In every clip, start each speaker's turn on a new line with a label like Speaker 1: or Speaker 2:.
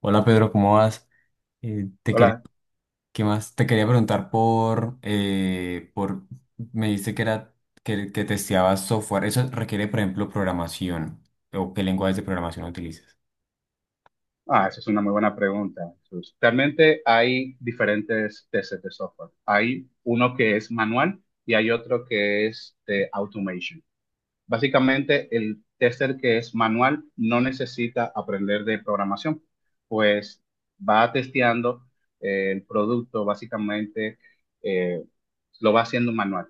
Speaker 1: Hola Pedro, ¿cómo vas? Te quería,
Speaker 2: Hola.
Speaker 1: ¿qué más? Te quería preguntar por, me dijiste que era que testeabas software. Eso requiere, por ejemplo, programación. ¿O qué lenguajes de programación utilizas?
Speaker 2: Ah, esa es una muy buena pregunta, Jesús. Realmente hay diferentes tesis de software. Hay uno que es manual y hay otro que es de automation. Básicamente, el tester que es manual no necesita aprender de programación, pues va testeando el producto, básicamente eh, lo va haciendo manual,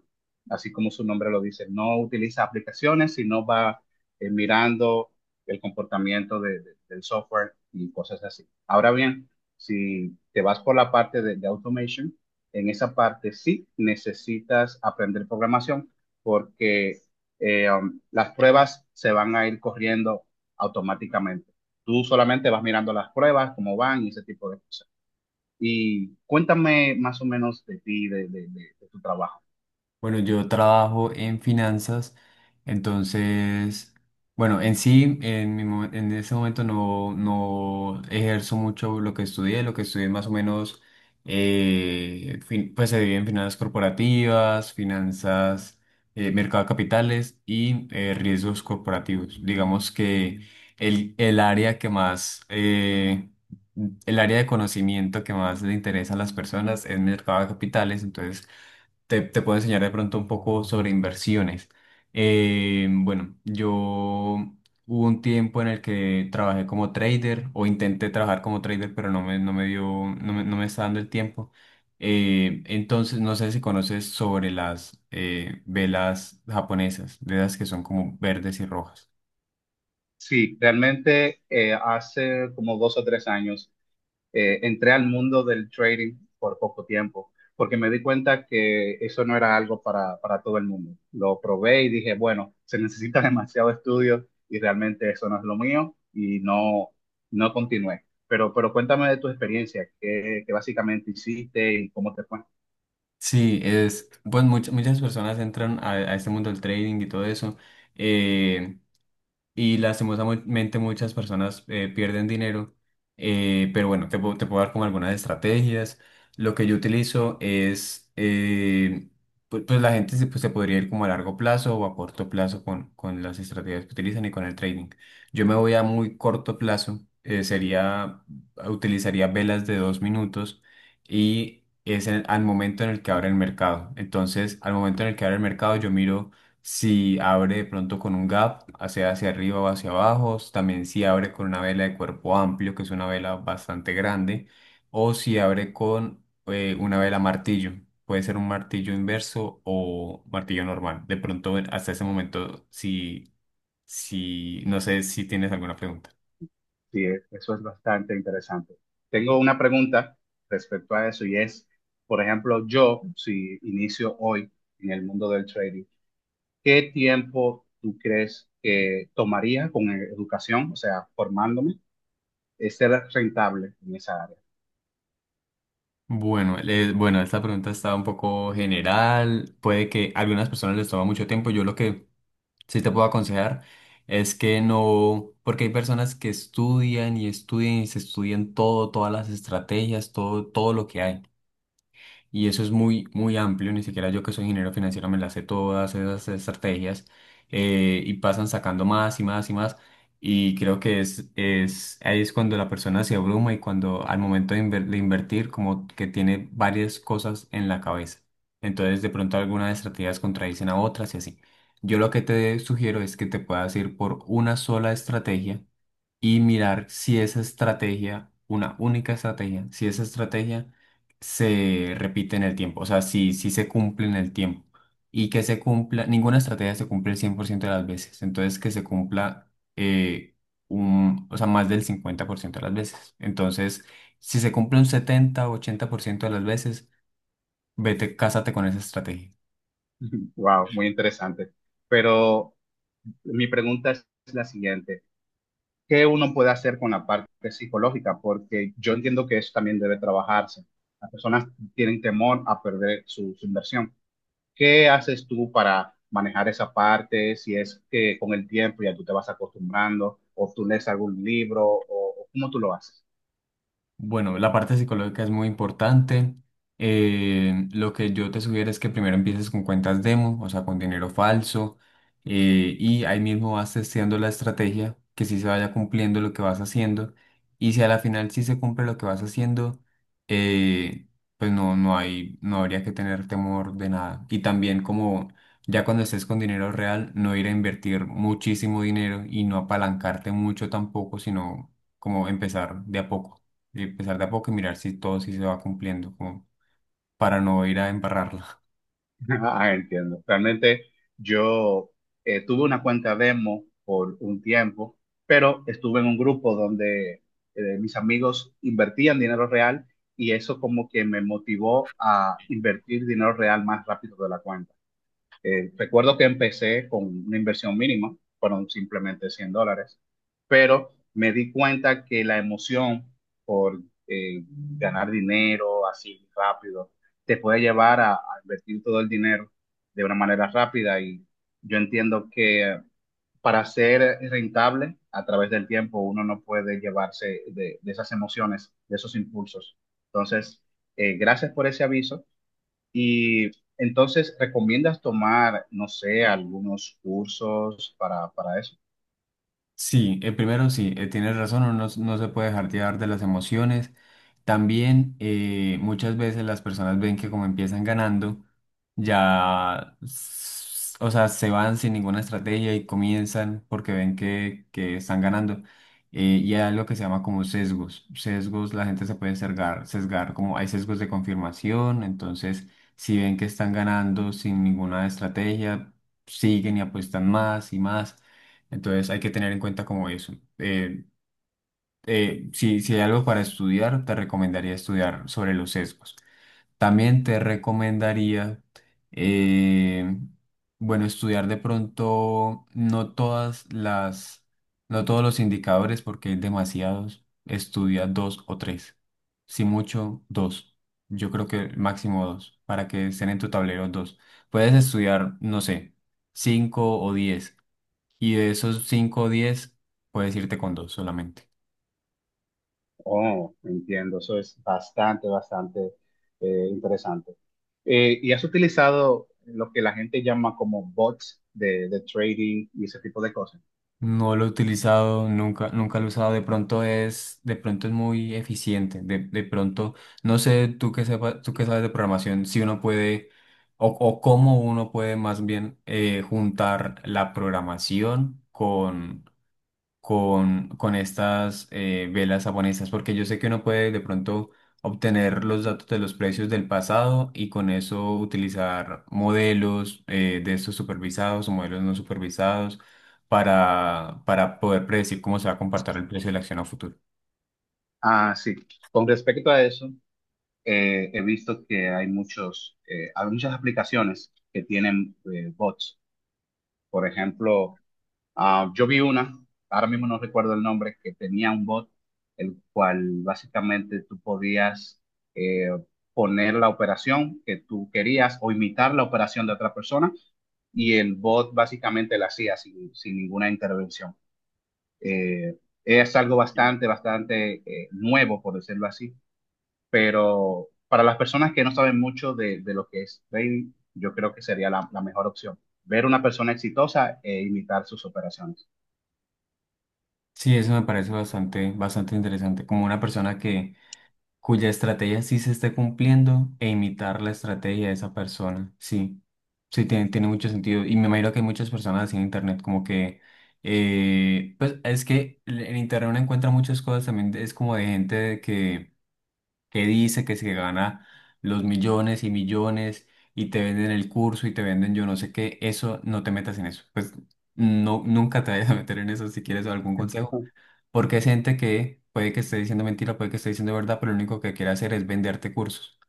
Speaker 2: así como su nombre lo dice. No utiliza aplicaciones, sino va mirando el comportamiento del software y cosas así. Ahora bien, si te vas por la parte de automation, en esa parte sí necesitas aprender programación porque... eh, um, las pruebas se van a ir corriendo automáticamente. Tú solamente vas mirando las pruebas, cómo van y ese tipo de cosas. Y cuéntame más o menos de ti, de tu trabajo.
Speaker 1: Bueno, yo trabajo en finanzas, entonces, bueno, en sí, en ese momento no ejerzo mucho lo que estudié más o menos, pues se divide en finanzas corporativas, finanzas, mercado de capitales y riesgos corporativos. Digamos que el, el área que más, eh, el área de conocimiento que más le interesa a las personas es mercado de capitales, entonces te puedo enseñar de pronto un poco sobre inversiones. Bueno, yo hubo un tiempo en el que trabajé como trader o intenté trabajar como trader, pero no me dio, no me está dando el tiempo. Entonces, no sé si conoces sobre las velas japonesas, de las que son como verdes y rojas.
Speaker 2: Sí, realmente hace como dos o tres años entré al mundo del trading por poco tiempo, porque me di cuenta que eso no era algo para todo el mundo. Lo probé y dije, bueno, se necesita demasiado estudio y realmente eso no es lo mío y no continué. Pero cuéntame de tu experiencia, qué básicamente hiciste y cómo te fue.
Speaker 1: Sí, es, pues muchas personas entran a este mundo del trading y todo eso. eh, y lastimosamente muchas personas pierden dinero, pero bueno, te puedo dar como algunas estrategias. Lo que yo utilizo es, pues la gente se podría ir como a largo plazo o a corto plazo con las estrategias que utilizan y con el trading. Yo me voy a muy corto plazo, utilizaría velas de 2 minutos y es al momento en el que abre el mercado. Entonces, al momento en el que abre el mercado, yo miro si abre de pronto con un gap, hacia arriba o hacia abajo, también si abre con una vela de cuerpo amplio, que es una vela bastante grande, o si abre con una vela martillo, puede ser un martillo inverso o martillo normal. De pronto, hasta ese momento, si, no sé si tienes alguna pregunta.
Speaker 2: Sí, eso es bastante interesante. Tengo una pregunta respecto a eso y es, por ejemplo, yo si inicio hoy en el mundo del trading, ¿qué tiempo tú crees que tomaría con educación, o sea, formándome, ser rentable en esa área?
Speaker 1: Bueno, esta pregunta está un poco general, puede que a algunas personas les toma mucho tiempo, yo lo que, si te puedo aconsejar, es que no, porque hay personas que estudian y estudian y se estudian todo, todas las estrategias, todo lo que hay y eso es muy, muy amplio, ni siquiera yo que soy ingeniero financiero me las sé todas esas estrategias y pasan sacando más y más y más y creo que ahí es cuando la persona se abruma y cuando al momento de invertir como que tiene varias cosas en la cabeza. Entonces de pronto algunas estrategias contradicen a otras y así. Yo lo que te sugiero es que te puedas ir por una sola estrategia y mirar si esa estrategia, una única estrategia, si esa estrategia se repite en el tiempo, o sea, si se cumple en el tiempo y que se cumpla, ninguna estrategia se cumple el 100% de las veces, entonces que se cumpla eh, o sea, más del 50% de las veces. Entonces, si se cumple un 70 o 80% de las veces, vete, cásate con esa estrategia.
Speaker 2: Wow, muy interesante. Pero mi pregunta es la siguiente. ¿Qué uno puede hacer con la parte psicológica? Porque yo entiendo que eso también debe trabajarse. Las personas tienen temor a perder su inversión. ¿Qué haces tú para manejar esa parte? Si es que con el tiempo ya tú te vas acostumbrando o tú lees algún libro o cómo tú lo haces.
Speaker 1: Bueno, la parte psicológica es muy importante. Lo que yo te sugiero es que primero empieces con cuentas demo, o sea, con dinero falso, y ahí mismo vas testeando la estrategia, que sí se vaya cumpliendo lo que vas haciendo, y si a la final sí se cumple lo que vas haciendo, eh, pues no, no hay, no habría que tener temor de nada. Y también como ya cuando estés con dinero real, no ir a invertir muchísimo dinero y no apalancarte mucho tampoco, sino como empezar de a poco y empezar de a poco y mirar si todo sí se va cumpliendo, como para no ir a embarrarla.
Speaker 2: Ah, entiendo. Realmente yo tuve una cuenta demo por un tiempo, pero estuve en un grupo donde mis amigos invertían dinero real y eso como que me motivó a invertir dinero real más rápido de la cuenta. Recuerdo que empecé con una inversión mínima, fueron simplemente $100, pero me di cuenta que la emoción por ganar dinero así rápido te puede llevar a invertir todo el dinero de una manera rápida y yo entiendo que para ser rentable a través del tiempo uno no puede llevarse de esas emociones, de esos impulsos. Entonces, gracias por ese aviso. Y entonces, ¿recomiendas tomar, no sé, algunos cursos para eso?
Speaker 1: Sí, primero sí, tienes razón, uno no, no se puede dejar llevar de las emociones. También muchas veces las personas ven que como empiezan ganando, ya, o sea, se van sin ninguna estrategia y comienzan porque ven que están ganando. Y hay algo que se llama como sesgos. Sesgos, la gente se puede sesgar, como hay sesgos de confirmación, entonces si ven que están ganando sin ninguna estrategia, siguen y apuestan más y más. Entonces hay que tener en cuenta como eso. Si hay algo para estudiar, te recomendaría estudiar sobre los sesgos. También te recomendaría, eh, bueno, estudiar de pronto no todos los indicadores porque hay demasiados. Estudia dos o tres. Si mucho, dos. Yo creo que máximo dos, para que estén en tu tablero dos. Puedes estudiar, no sé, cinco o diez. Y de esos cinco o diez, puedes irte con dos solamente.
Speaker 2: Oh, entiendo, eso es bastante, bastante interesante. ¿Y has utilizado lo que la gente llama como bots de trading y ese tipo de cosas?
Speaker 1: No lo he utilizado, nunca, nunca lo he usado. De pronto es muy eficiente. De pronto, no sé, tú que sabes de programación, si uno puede, o cómo uno puede más bien juntar la programación con, estas velas japonesas, porque yo sé que uno puede de pronto obtener los datos de los precios del pasado y con eso utilizar modelos de estos supervisados o modelos no supervisados para poder predecir cómo se va a comportar el precio de la acción a futuro.
Speaker 2: Ah, sí. Con respecto a eso, he visto que hay muchos, hay muchas aplicaciones que tienen bots. Por ejemplo, ah, yo vi una, ahora mismo no recuerdo el nombre, que tenía un bot, el cual básicamente tú podías eh, poner la operación que tú querías o imitar la operación de otra persona y el bot básicamente la hacía sin, sin ninguna intervención. Eh, es algo bastante, bastante nuevo, por decirlo así, pero para las personas que no saben mucho de lo que es trading, yo creo que sería la mejor opción, ver una persona exitosa e imitar sus operaciones.
Speaker 1: Sí, eso me parece bastante, bastante interesante. Como una persona que cuya estrategia sí se esté cumpliendo e imitar la estrategia de esa persona. Sí, sí, tiene mucho sentido. Y me imagino que hay muchas personas así en Internet, como que, pues es que en Internet uno encuentra muchas cosas también, es como de gente de que dice que se gana los millones y millones y te venden el curso y te venden yo no sé qué, eso no te metas en eso. Pues no, nunca te vayas a meter en eso si quieres algún consejo. Porque es gente que puede que esté diciendo mentira, puede que esté diciendo verdad, pero lo único que quiere hacer es venderte cursos.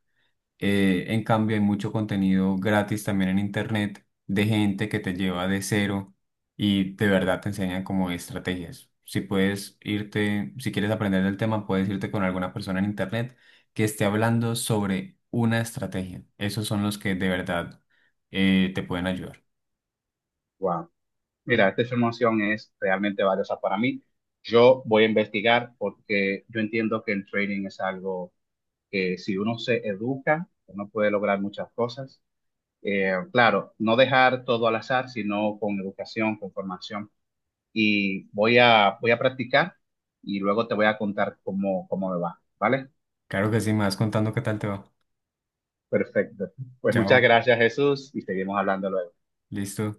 Speaker 1: En cambio, hay mucho contenido gratis también en internet de gente que te lleva de cero y de verdad te enseñan como estrategias. Si puedes irte, si quieres aprender del tema, puedes irte con alguna persona en internet que esté hablando sobre una estrategia. Esos son los que de verdad te pueden ayudar.
Speaker 2: Wow. Mira, esta información es realmente valiosa para mí. Yo voy a investigar porque yo entiendo que el trading es algo que si uno se educa, uno puede lograr muchas cosas. Claro, no dejar todo al azar, sino con educación, con formación. Y voy voy a practicar y luego te voy a contar cómo, cómo me va, ¿vale?
Speaker 1: Claro que sí, me vas contando qué tal te va.
Speaker 2: Perfecto. Pues muchas
Speaker 1: Chao,
Speaker 2: gracias, Jesús, y seguimos hablando luego.
Speaker 1: listo.